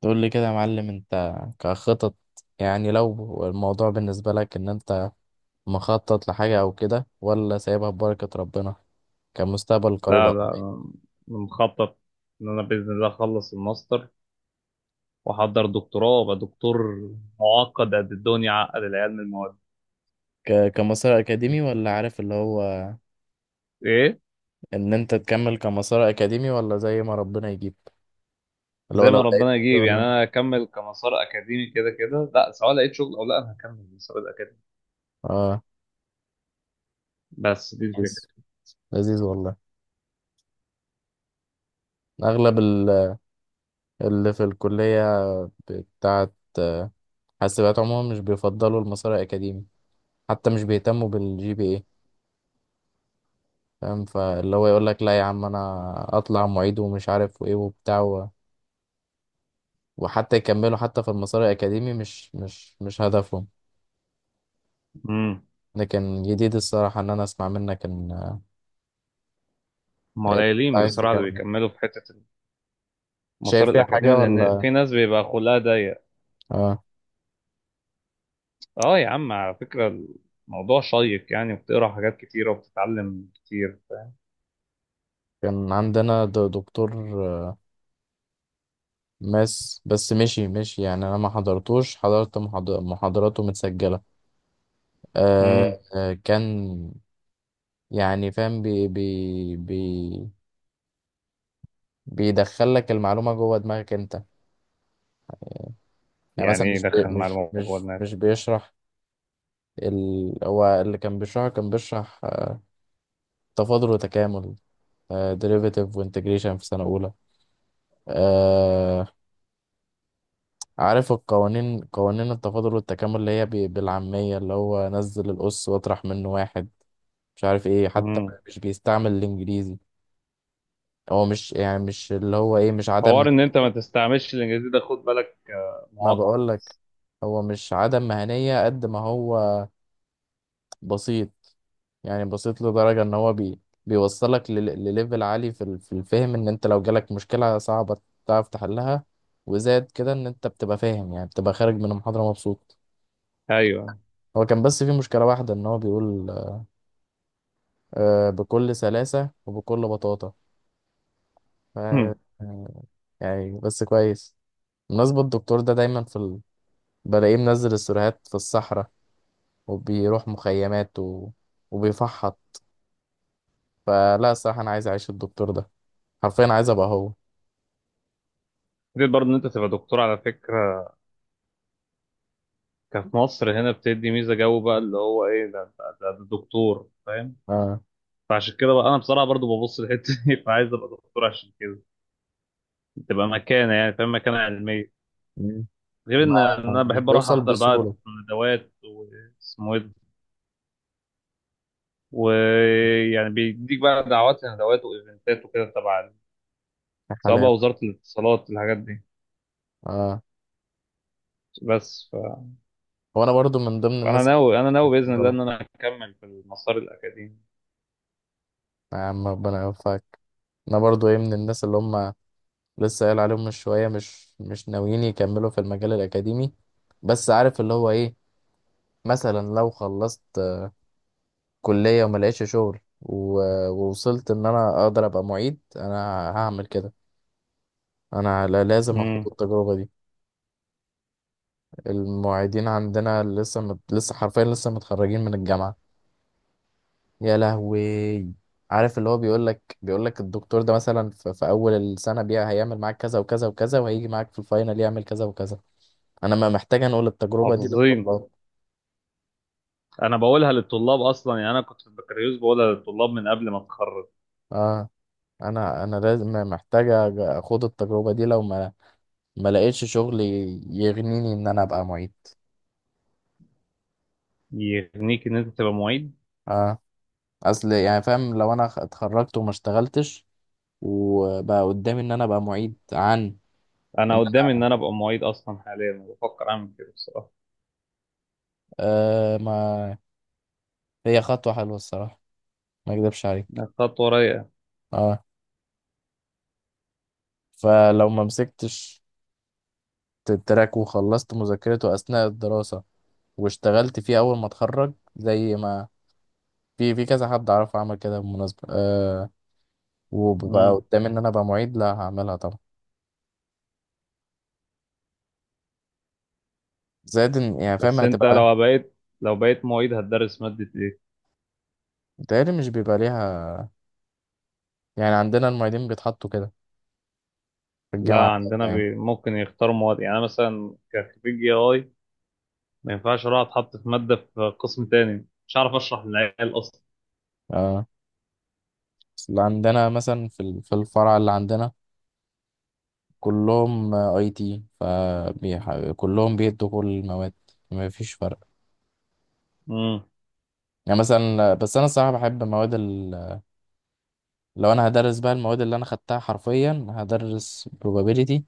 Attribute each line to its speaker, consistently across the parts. Speaker 1: تقول لي كده يا معلم انت كخطط. يعني لو الموضوع بالنسبة لك ان انت مخطط لحاجة او كده ولا سايبها ببركة ربنا كمستقبل قريب
Speaker 2: لا
Speaker 1: او
Speaker 2: لا
Speaker 1: بعيد؟
Speaker 2: أنا مخطط إن أنا بإذن الله أخلص الماستر وأحضر دكتوراه وأبقى دكتور معقد قد الدنيا عقد العيال من المواد.
Speaker 1: كمسار اكاديمي ولا عارف اللي هو
Speaker 2: إيه.
Speaker 1: ان انت تكمل كمسار اكاديمي ولا زي ما ربنا يجيب اللي هو
Speaker 2: زي
Speaker 1: لو
Speaker 2: ما
Speaker 1: لقيت
Speaker 2: ربنا يجيب، يعني
Speaker 1: شغل.
Speaker 2: أنا أكمل كمسار أكاديمي كده كده، لا، سواء لقيت شغل أو لا أنا هكمل المسار الأكاديمي.
Speaker 1: اه،
Speaker 2: بس دي الفكرة.
Speaker 1: لذيذ، لذيذ والله. اغلب اللي في الكلية بتاعت آه، حاسبات عموما مش بيفضلوا المسار الاكاديمي، حتى مش بيهتموا بالجي بي اي. فاهم، فاللي هو يقول لك لا يا عم انا اطلع معيد ومش عارف وايه وبتاع و... وحتى يكملوا، حتى في المسار الاكاديمي مش هدفهم.
Speaker 2: امم.
Speaker 1: لكن جديد الصراحه ان انا اسمع منك ان
Speaker 2: هم
Speaker 1: إن أنت
Speaker 2: قليلين
Speaker 1: عايز
Speaker 2: بصراحة اللي
Speaker 1: تكمل.
Speaker 2: بيكملوا في حتة
Speaker 1: شايف
Speaker 2: المسار
Speaker 1: فيها
Speaker 2: الأكاديمي،
Speaker 1: حاجه
Speaker 2: لأن
Speaker 1: ولا.
Speaker 2: في ناس بيبقى خلقها ضيق.
Speaker 1: اه.
Speaker 2: أه يا عم على فكرة الموضوع شيق يعني، وبتقرا حاجات كتيرة وبتتعلم كتير.
Speaker 1: كان عندنا دكتور ماس، بس مشي مشي، يعني انا ما حضرتوش، حضرت محاضراته متسجله. آه.
Speaker 2: امم.
Speaker 1: كان يعني فاهم بي بي بي بيدخل لك المعلومه جوه دماغك انت. يعني
Speaker 2: يعني
Speaker 1: مثلا
Speaker 2: ايه
Speaker 1: مش
Speaker 2: يدخل
Speaker 1: بي
Speaker 2: مع
Speaker 1: مش
Speaker 2: الموضوع
Speaker 1: مش
Speaker 2: ده؟
Speaker 1: مش بيشرح، ال... هو اللي كان بيشرحه كان بيشرح، تفاضل وتكامل، ديريفيتيف وانتجريشن في سنة أولى. آه، عارف القوانين، قوانين التفاضل والتكامل اللي هي بالعامية اللي هو نزل الأس واطرح منه واحد، مش عارف ايه حتى.
Speaker 2: مم.
Speaker 1: مش بيستعمل الإنجليزي. هو مش يعني مش اللي هو ايه مش عدم
Speaker 2: حوار ان انت ما
Speaker 1: مهنية.
Speaker 2: تستعملش الانجليزي ده خد بالك
Speaker 1: ما
Speaker 2: معقد
Speaker 1: بقولك،
Speaker 2: بس.
Speaker 1: هو مش عدم مهنية قد ما هو بسيط. يعني بسيط لدرجة ان هو بيوصلك لليفل عالي في في الفهم. ان انت لو جالك مشكلة صعبة تعرف تحلها، وزاد كده ان انت بتبقى فاهم، يعني بتبقى خارج من المحاضرة مبسوط.
Speaker 2: ايوه.
Speaker 1: هو كان بس في مشكلة واحدة ان هو بيقول، بكل سلاسة وبكل بطاطا. ف-
Speaker 2: هم.
Speaker 1: آه، يعني بس كويس. بالنسبة الدكتور ده دايما في ال... بلاقيه منزل السيرفيهات في الصحراء وبيروح مخيمات و... وبيفحط. فلا الصراحة أنا عايز أعيش الدكتور ده، حرفيا عايز أبقى هو.
Speaker 2: فكرة برضه ان انت تبقى دكتور على فكره، كفي مصر هنا بتدي ميزه جو بقى اللي هو ايه ده انت ده دكتور فاهم.
Speaker 1: آه.
Speaker 2: فعشان كده بقى انا بصراحه برضه ببص للحته دي فعايز ابقى دكتور عشان كده تبقى مكانه، يعني فاهم، مكانه علميه. غير
Speaker 1: ما
Speaker 2: ان انا
Speaker 1: مش
Speaker 2: بحب اروح
Speaker 1: بيوصل
Speaker 2: احضر بقى
Speaker 1: بسهولة.
Speaker 2: ندوات واسمه ايه ده، ويعني بيديك بقى دعوات لندوات وايفنتات وكده تبع،
Speaker 1: يا
Speaker 2: سواء بقى
Speaker 1: حلاوة.
Speaker 2: وزاره الاتصالات الحاجات دي.
Speaker 1: اه،
Speaker 2: بس
Speaker 1: وانا برضو من ضمن
Speaker 2: انا
Speaker 1: الناس اللي
Speaker 2: ناوي انا ناوي باذن الله
Speaker 1: بيفضلوا.
Speaker 2: ان انا اكمل في المسار الاكاديمي.
Speaker 1: يا عم ربنا يوفقك. انا برضو ايه من الناس اللي هم لسه قايل عليهم من شوية، مش ناويين يكملوا في المجال الأكاديمي. بس عارف اللي هو ايه، مثلا لو خلصت كلية وما لقيتش شغل ووصلت ان انا اقدر ابقى معيد، انا هعمل كده. انا لازم اخد
Speaker 2: امم.
Speaker 1: التجربة دي. المعيدين عندنا لسه مت... لسه حرفيا لسه متخرجين من الجامعة. يا لهوي، عارف اللي هو بيقول لك الدكتور ده مثلا في اول السنه بيها هيعمل معاك كذا وكذا وكذا، وهيجي معاك في الفاينل يعمل كذا وكذا. انا ما محتاج انقل التجربه دي
Speaker 2: حافظين.
Speaker 1: للطلاب.
Speaker 2: انا بقولها للطلاب اصلا، يعني انا كنت في البكالوريوس بقولها للطلاب من قبل ما اتخرج.
Speaker 1: اه، انا لازم محتاج اخد التجربه دي لو ما لقيتش شغل يغنيني ان انا ابقى معيد.
Speaker 2: يغنيك ان انت تبقى معيد.
Speaker 1: اه، اصل يعني فاهم لو انا اتخرجت وما اشتغلتش، وبقى قدامي ان انا ابقى معيد، عن ان
Speaker 2: انا قدامي ان
Speaker 1: انا.
Speaker 2: انا ابقى معيد اصلا، حاليا بفكر اعمل كده بصراحه.
Speaker 1: آه، ما هي خطوه حلوه الصراحه، ما اكذبش عليك.
Speaker 2: إنها خطوه رايقه.
Speaker 1: اه، فلو ما مسكتش التراك وخلصت مذاكرته أثناء الدراسة واشتغلت فيه أول ما اتخرج زي ما في كذا حد أعرفه عمل كده بالمناسبة، أه. وببقى
Speaker 2: امم.
Speaker 1: قدامي إن أنا أبقى معيد، لا هعملها طبعا. زائد يعني فاهم
Speaker 2: بس انت
Speaker 1: هتبقى،
Speaker 2: لو بقيت معيد هتدرس ماده ايه؟
Speaker 1: متهيألي مش بيبقى ليها. يعني عندنا المعيدين بيتحطوا كده في
Speaker 2: لا
Speaker 1: الجامعة
Speaker 2: عندنا
Speaker 1: بتاعتنا يعني.
Speaker 2: بي ممكن يختاروا مواد، يعني أنا مثلا كخريج اي اي ما ينفعش اروح اتحط في ماده في قسم تاني مش عارف اشرح للعيال
Speaker 1: اه، بس اللي عندنا مثلا في في الفرع اللي عندنا كلهم اي تي، فكلهم بيدوا كل المواد، ما فيش فرق.
Speaker 2: اصلا.
Speaker 1: يعني مثلا بس انا الصراحه بحب مواد ال... لو انا هدرس بقى المواد اللي انا خدتها، حرفيا هدرس probability.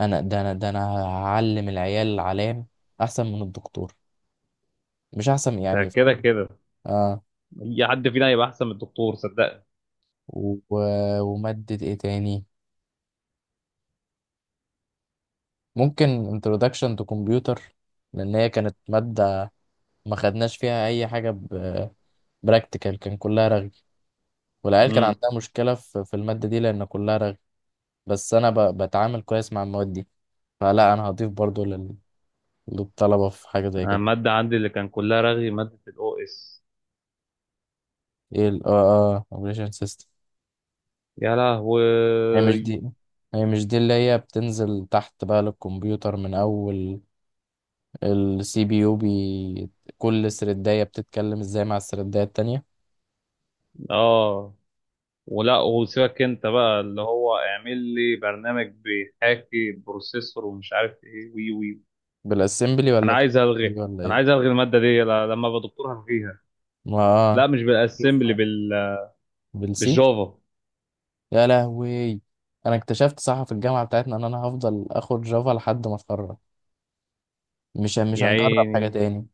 Speaker 1: انا ده انا هعلم العيال علام احسن من الدكتور، مش احسن
Speaker 2: ده
Speaker 1: يعني
Speaker 2: كده
Speaker 1: فاهم.
Speaker 2: كده
Speaker 1: اه.
Speaker 2: اي حد فينا هيبقى احسن من الدكتور صدقني.
Speaker 1: و... وماده ايه تاني؟ ممكن introduction to computer، لان هي كانت ماده ما خدناش فيها اي حاجه ب... براكتيكال، كان كلها رغي. والعيال كان
Speaker 2: امم.
Speaker 1: عندها مشكله في الماده دي لان كلها رغي. بس انا ب... بتعامل كويس مع المواد دي، فلا انا هضيف برضو للطلبة في حاجة زي
Speaker 2: أنا
Speaker 1: كده.
Speaker 2: الماده عندي اللي كان كلها رغي ماده الاو اس.
Speaker 1: ايه ال اه، اه اوبريشن سيستم.
Speaker 2: يا لهوي.
Speaker 1: هي مش دي، هي مش دي اللي هي بتنزل تحت بقى للكمبيوتر من اول السي بي يو بي، كل سردية بتتكلم ازاي مع السردية التانية.
Speaker 2: اه. ولا وسيبك انت بقى اللي هو اعمل لي برنامج بيحاكي بروسيسور ومش عارف ايه وي وي.
Speaker 1: بالاسمبلي
Speaker 2: انا
Speaker 1: ولا كده
Speaker 2: عايز الغي
Speaker 1: ولا
Speaker 2: انا عايز
Speaker 1: ايه؟
Speaker 2: الغي الماده دي لما ابقى دكتور هلغيها.
Speaker 1: ما اه،
Speaker 2: لا مش بالاسمبلي
Speaker 1: شوف،
Speaker 2: بال
Speaker 1: بالسي.
Speaker 2: بالجافا
Speaker 1: يا لهوي، انا اكتشفت صح في الجامعة بتاعتنا ان انا هفضل اخد جافا لحد ما اتخرج، مش
Speaker 2: يا
Speaker 1: هنجرب حاجة
Speaker 2: عيني.
Speaker 1: تاني.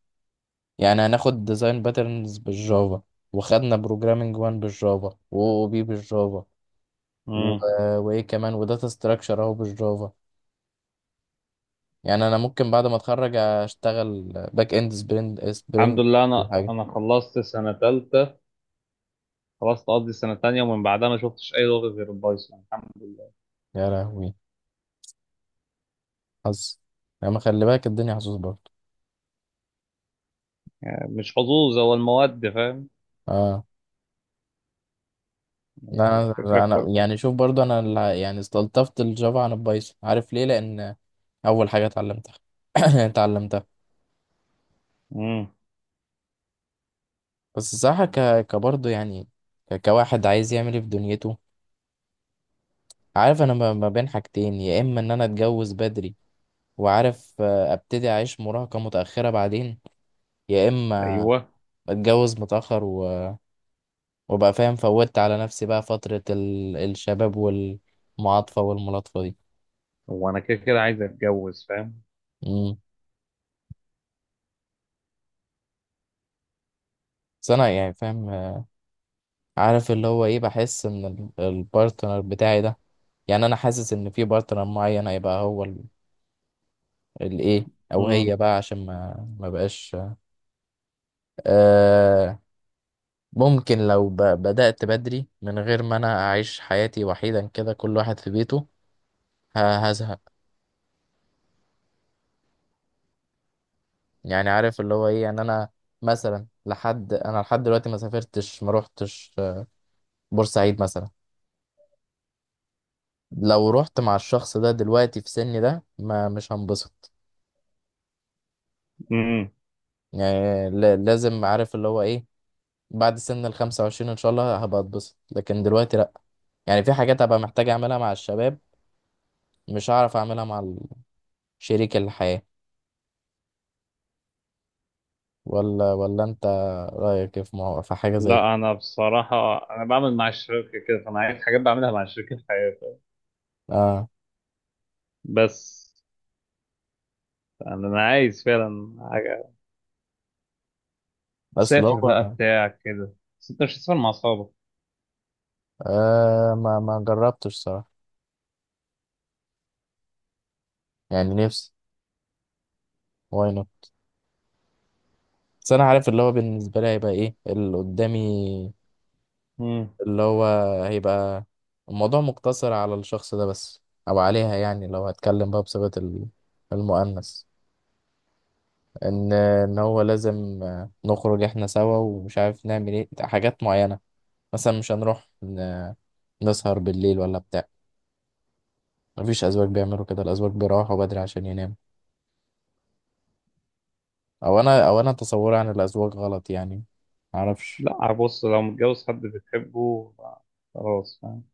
Speaker 1: يعني هناخد ديزاين باترنز بالجافا، وخدنا بروجرامينج 1 بالجافا و بي بالجافا و...
Speaker 2: امم.
Speaker 1: آه، وايه كمان، وداتا ستراكشر اهو بالجافا. يعني انا ممكن بعد ما اتخرج اشتغل باك اند سبرينج،
Speaker 2: الحمد لله انا
Speaker 1: كل حاجه.
Speaker 2: انا خلصت سنه ثالثه. خلصت قصدي السنة التانية، ومن بعدها ما شفتش أي لغة غير البايثون الحمد لله.
Speaker 1: يا لهوي، حظ. يعني ما خلي بالك الدنيا حظوظ برضه.
Speaker 2: مش حظوظ، هو المواد فاهم.
Speaker 1: اه،
Speaker 2: هي
Speaker 1: انا
Speaker 2: الفكرة
Speaker 1: انا
Speaker 2: الكل.
Speaker 1: يعني شوف برضه انا اللي- يعني استلطفت الجافا عن البايثون، عارف ليه؟ لان اول حاجه اتعلمتها اتعلمتها.
Speaker 2: امم.
Speaker 1: بس صح ك كبرضه يعني، كواحد عايز يعمل ايه في دنيته. عارف انا ما بين حاجتين، يا اما ان انا اتجوز بدري وعارف ابتدي اعيش مراهقة متأخرة بعدين، يا اما
Speaker 2: أيوه.
Speaker 1: اتجوز متأخر وابقى فاهم فوتت على نفسي بقى فترة ال... الشباب والمعاطفة والملاطفة دي.
Speaker 2: هو أنا كده كده عايز أتجوز فاهم.
Speaker 1: امم. بس انا يعني فاهم، عارف اللي هو ايه، بحس ان البارتنر بتاعي ده، يعني انا حاسس ان في بارتنر معين هيبقى هو ال- الايه، او
Speaker 2: امم.
Speaker 1: هي بقى عشان ما بقاش. آه، ممكن لو بدأت بدري من غير ما انا اعيش حياتي وحيدا كده كل واحد في بيته، ه- هزهق. يعني عارف اللي هو ايه، يعني انا مثلا لحد انا لحد دلوقتي ما سافرتش ما روحتش، بورسعيد مثلا. لو رحت مع الشخص ده دلوقتي في سني ده، ما مش هنبسط.
Speaker 2: امم.
Speaker 1: يعني لازم عارف اللي هو ايه، بعد سن ال 25 ان شاء الله هبقى اتبسط، لكن دلوقتي لا. يعني في حاجات هبقى محتاج اعملها مع الشباب، مش هعرف اعملها مع ال- شريك الحياة. ولا انت رايك إيه في في حاجه زي كده؟
Speaker 2: لا أنا بصراحة أنا بعمل مع الشركة كده، فأنا عايز حاجات بعملها مع الشركة في حياتي.
Speaker 1: اه،
Speaker 2: بس أنا عايز فعلا حاجة
Speaker 1: اصل
Speaker 2: سافر بقى
Speaker 1: هو.
Speaker 2: بتاع كده. بس أنت مش هتسافر مع أصحابك.
Speaker 1: آه، ما ما جربتش صراحه، يعني نفسي، واي نوت. بس انا عارف اللي هو بالنسبه لي هيبقى ايه اللي قدامي،
Speaker 2: امم.
Speaker 1: اللي هو هيبقى الموضوع مقتصر على الشخص ده بس، او عليها يعني لو هتكلم بقى بصيغه المؤنث. ان هو لازم نخرج احنا سوا ومش عارف نعمل ايه حاجات معينه. مثلا مش هنروح نسهر بالليل ولا بتاع. مفيش أزواج بيعملوا كده، الأزواج بيروحوا بدري عشان يناموا. أو أنا أو أنا تصوري عن الأزواج غلط يعني، معرفش.
Speaker 2: لا بص لو متجوز حد بتحبه خلاص فاهم.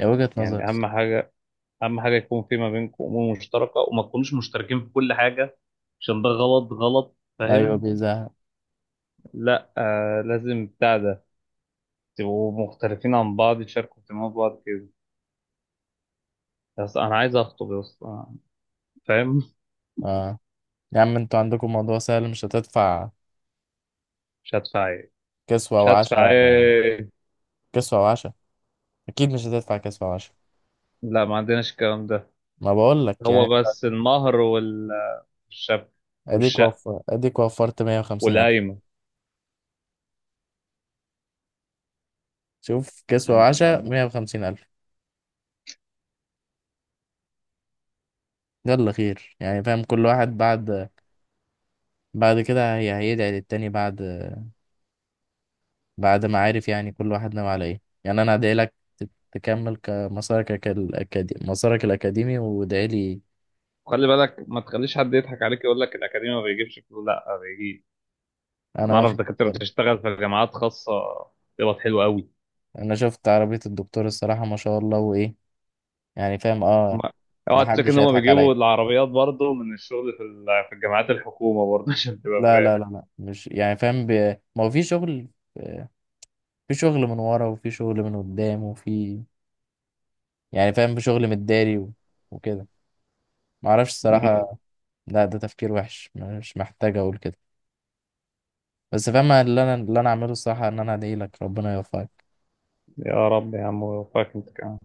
Speaker 1: هي وجهة نظر.
Speaker 2: يعني أهم حاجة اهم حاجه يكون في ما بينكم امور مشتركه، وما تكونوش مشتركين في كل حاجه، عشان ده غلط غلط
Speaker 1: أيوة
Speaker 2: فاهم.
Speaker 1: بيزهق.
Speaker 2: لا آه لازم بتاع ده تبقوا مختلفين عن بعض، تشاركوا اهتمامات بعض كده. بس انا عايز اخطب يا اسطى فاهم.
Speaker 1: آه، يا عم أنتوا عندكم موضوع سهل، مش هتدفع
Speaker 2: مش هدفع ايه؟
Speaker 1: كسوة
Speaker 2: مش هدفع
Speaker 1: وعشاء.
Speaker 2: ايه؟
Speaker 1: كسوة وعشاء، أكيد مش هتدفع كسوة وعشاء.
Speaker 2: لا ما عندناش الكلام ده.
Speaker 1: ما بقولك
Speaker 2: هو
Speaker 1: يعني،
Speaker 2: بس
Speaker 1: أديك،
Speaker 2: المهر والشبكه والشقه
Speaker 1: وفر أديك وفرت 150,000.
Speaker 2: والقايمه.
Speaker 1: شوف، كسوة
Speaker 2: عن-
Speaker 1: وعشاء
Speaker 2: عن-
Speaker 1: 150,000. يلا خير يعني فاهم كل واحد بعد، بعد كده هي هيدعي للتاني، بعد ما عارف يعني كل واحد ناوي على ايه. يعني انا هدعي لك تكمل مسارك الأكاديمي، وادعي لي.
Speaker 2: خلي بالك ما تخليش حد يضحك عليك يقول لك الاكاديمي ما بيجيبش فلوس، لا ما بيجيب. انا
Speaker 1: انا
Speaker 2: اعرف
Speaker 1: واخد
Speaker 2: دكاتره
Speaker 1: بالي.
Speaker 2: بتشتغل في جامعات خاصه. بيبقى حلو قوي.
Speaker 1: انا شفت عربية الدكتور الصراحة ما شاء الله وايه، يعني فاهم اه.
Speaker 2: هما-
Speaker 1: ما
Speaker 2: اوعى تشك ان
Speaker 1: حدش
Speaker 2: هم
Speaker 1: هيضحك
Speaker 2: بيجيبوا
Speaker 1: عليا.
Speaker 2: العربيات برضه من الشغل في الجامعات الحكومه برضه عشان تبقى
Speaker 1: لا،
Speaker 2: فاهم.
Speaker 1: لا، لا، لا، مش يعني فاهم ب... ما هو في شغل، في شغل من ورا وفي شغل من قدام، وفي يعني فاهم في شغل متداري و... وكده. ما اعرفش
Speaker 2: مم.
Speaker 1: الصراحة. لا ده تفكير وحش، مش محتاج اقول كده. بس فاهم اللي انا اللي انا اعمله الصراحة ان انا ادعي لك ربنا يوفقك.
Speaker 2: يا رب يا عم وفقك انت كمان.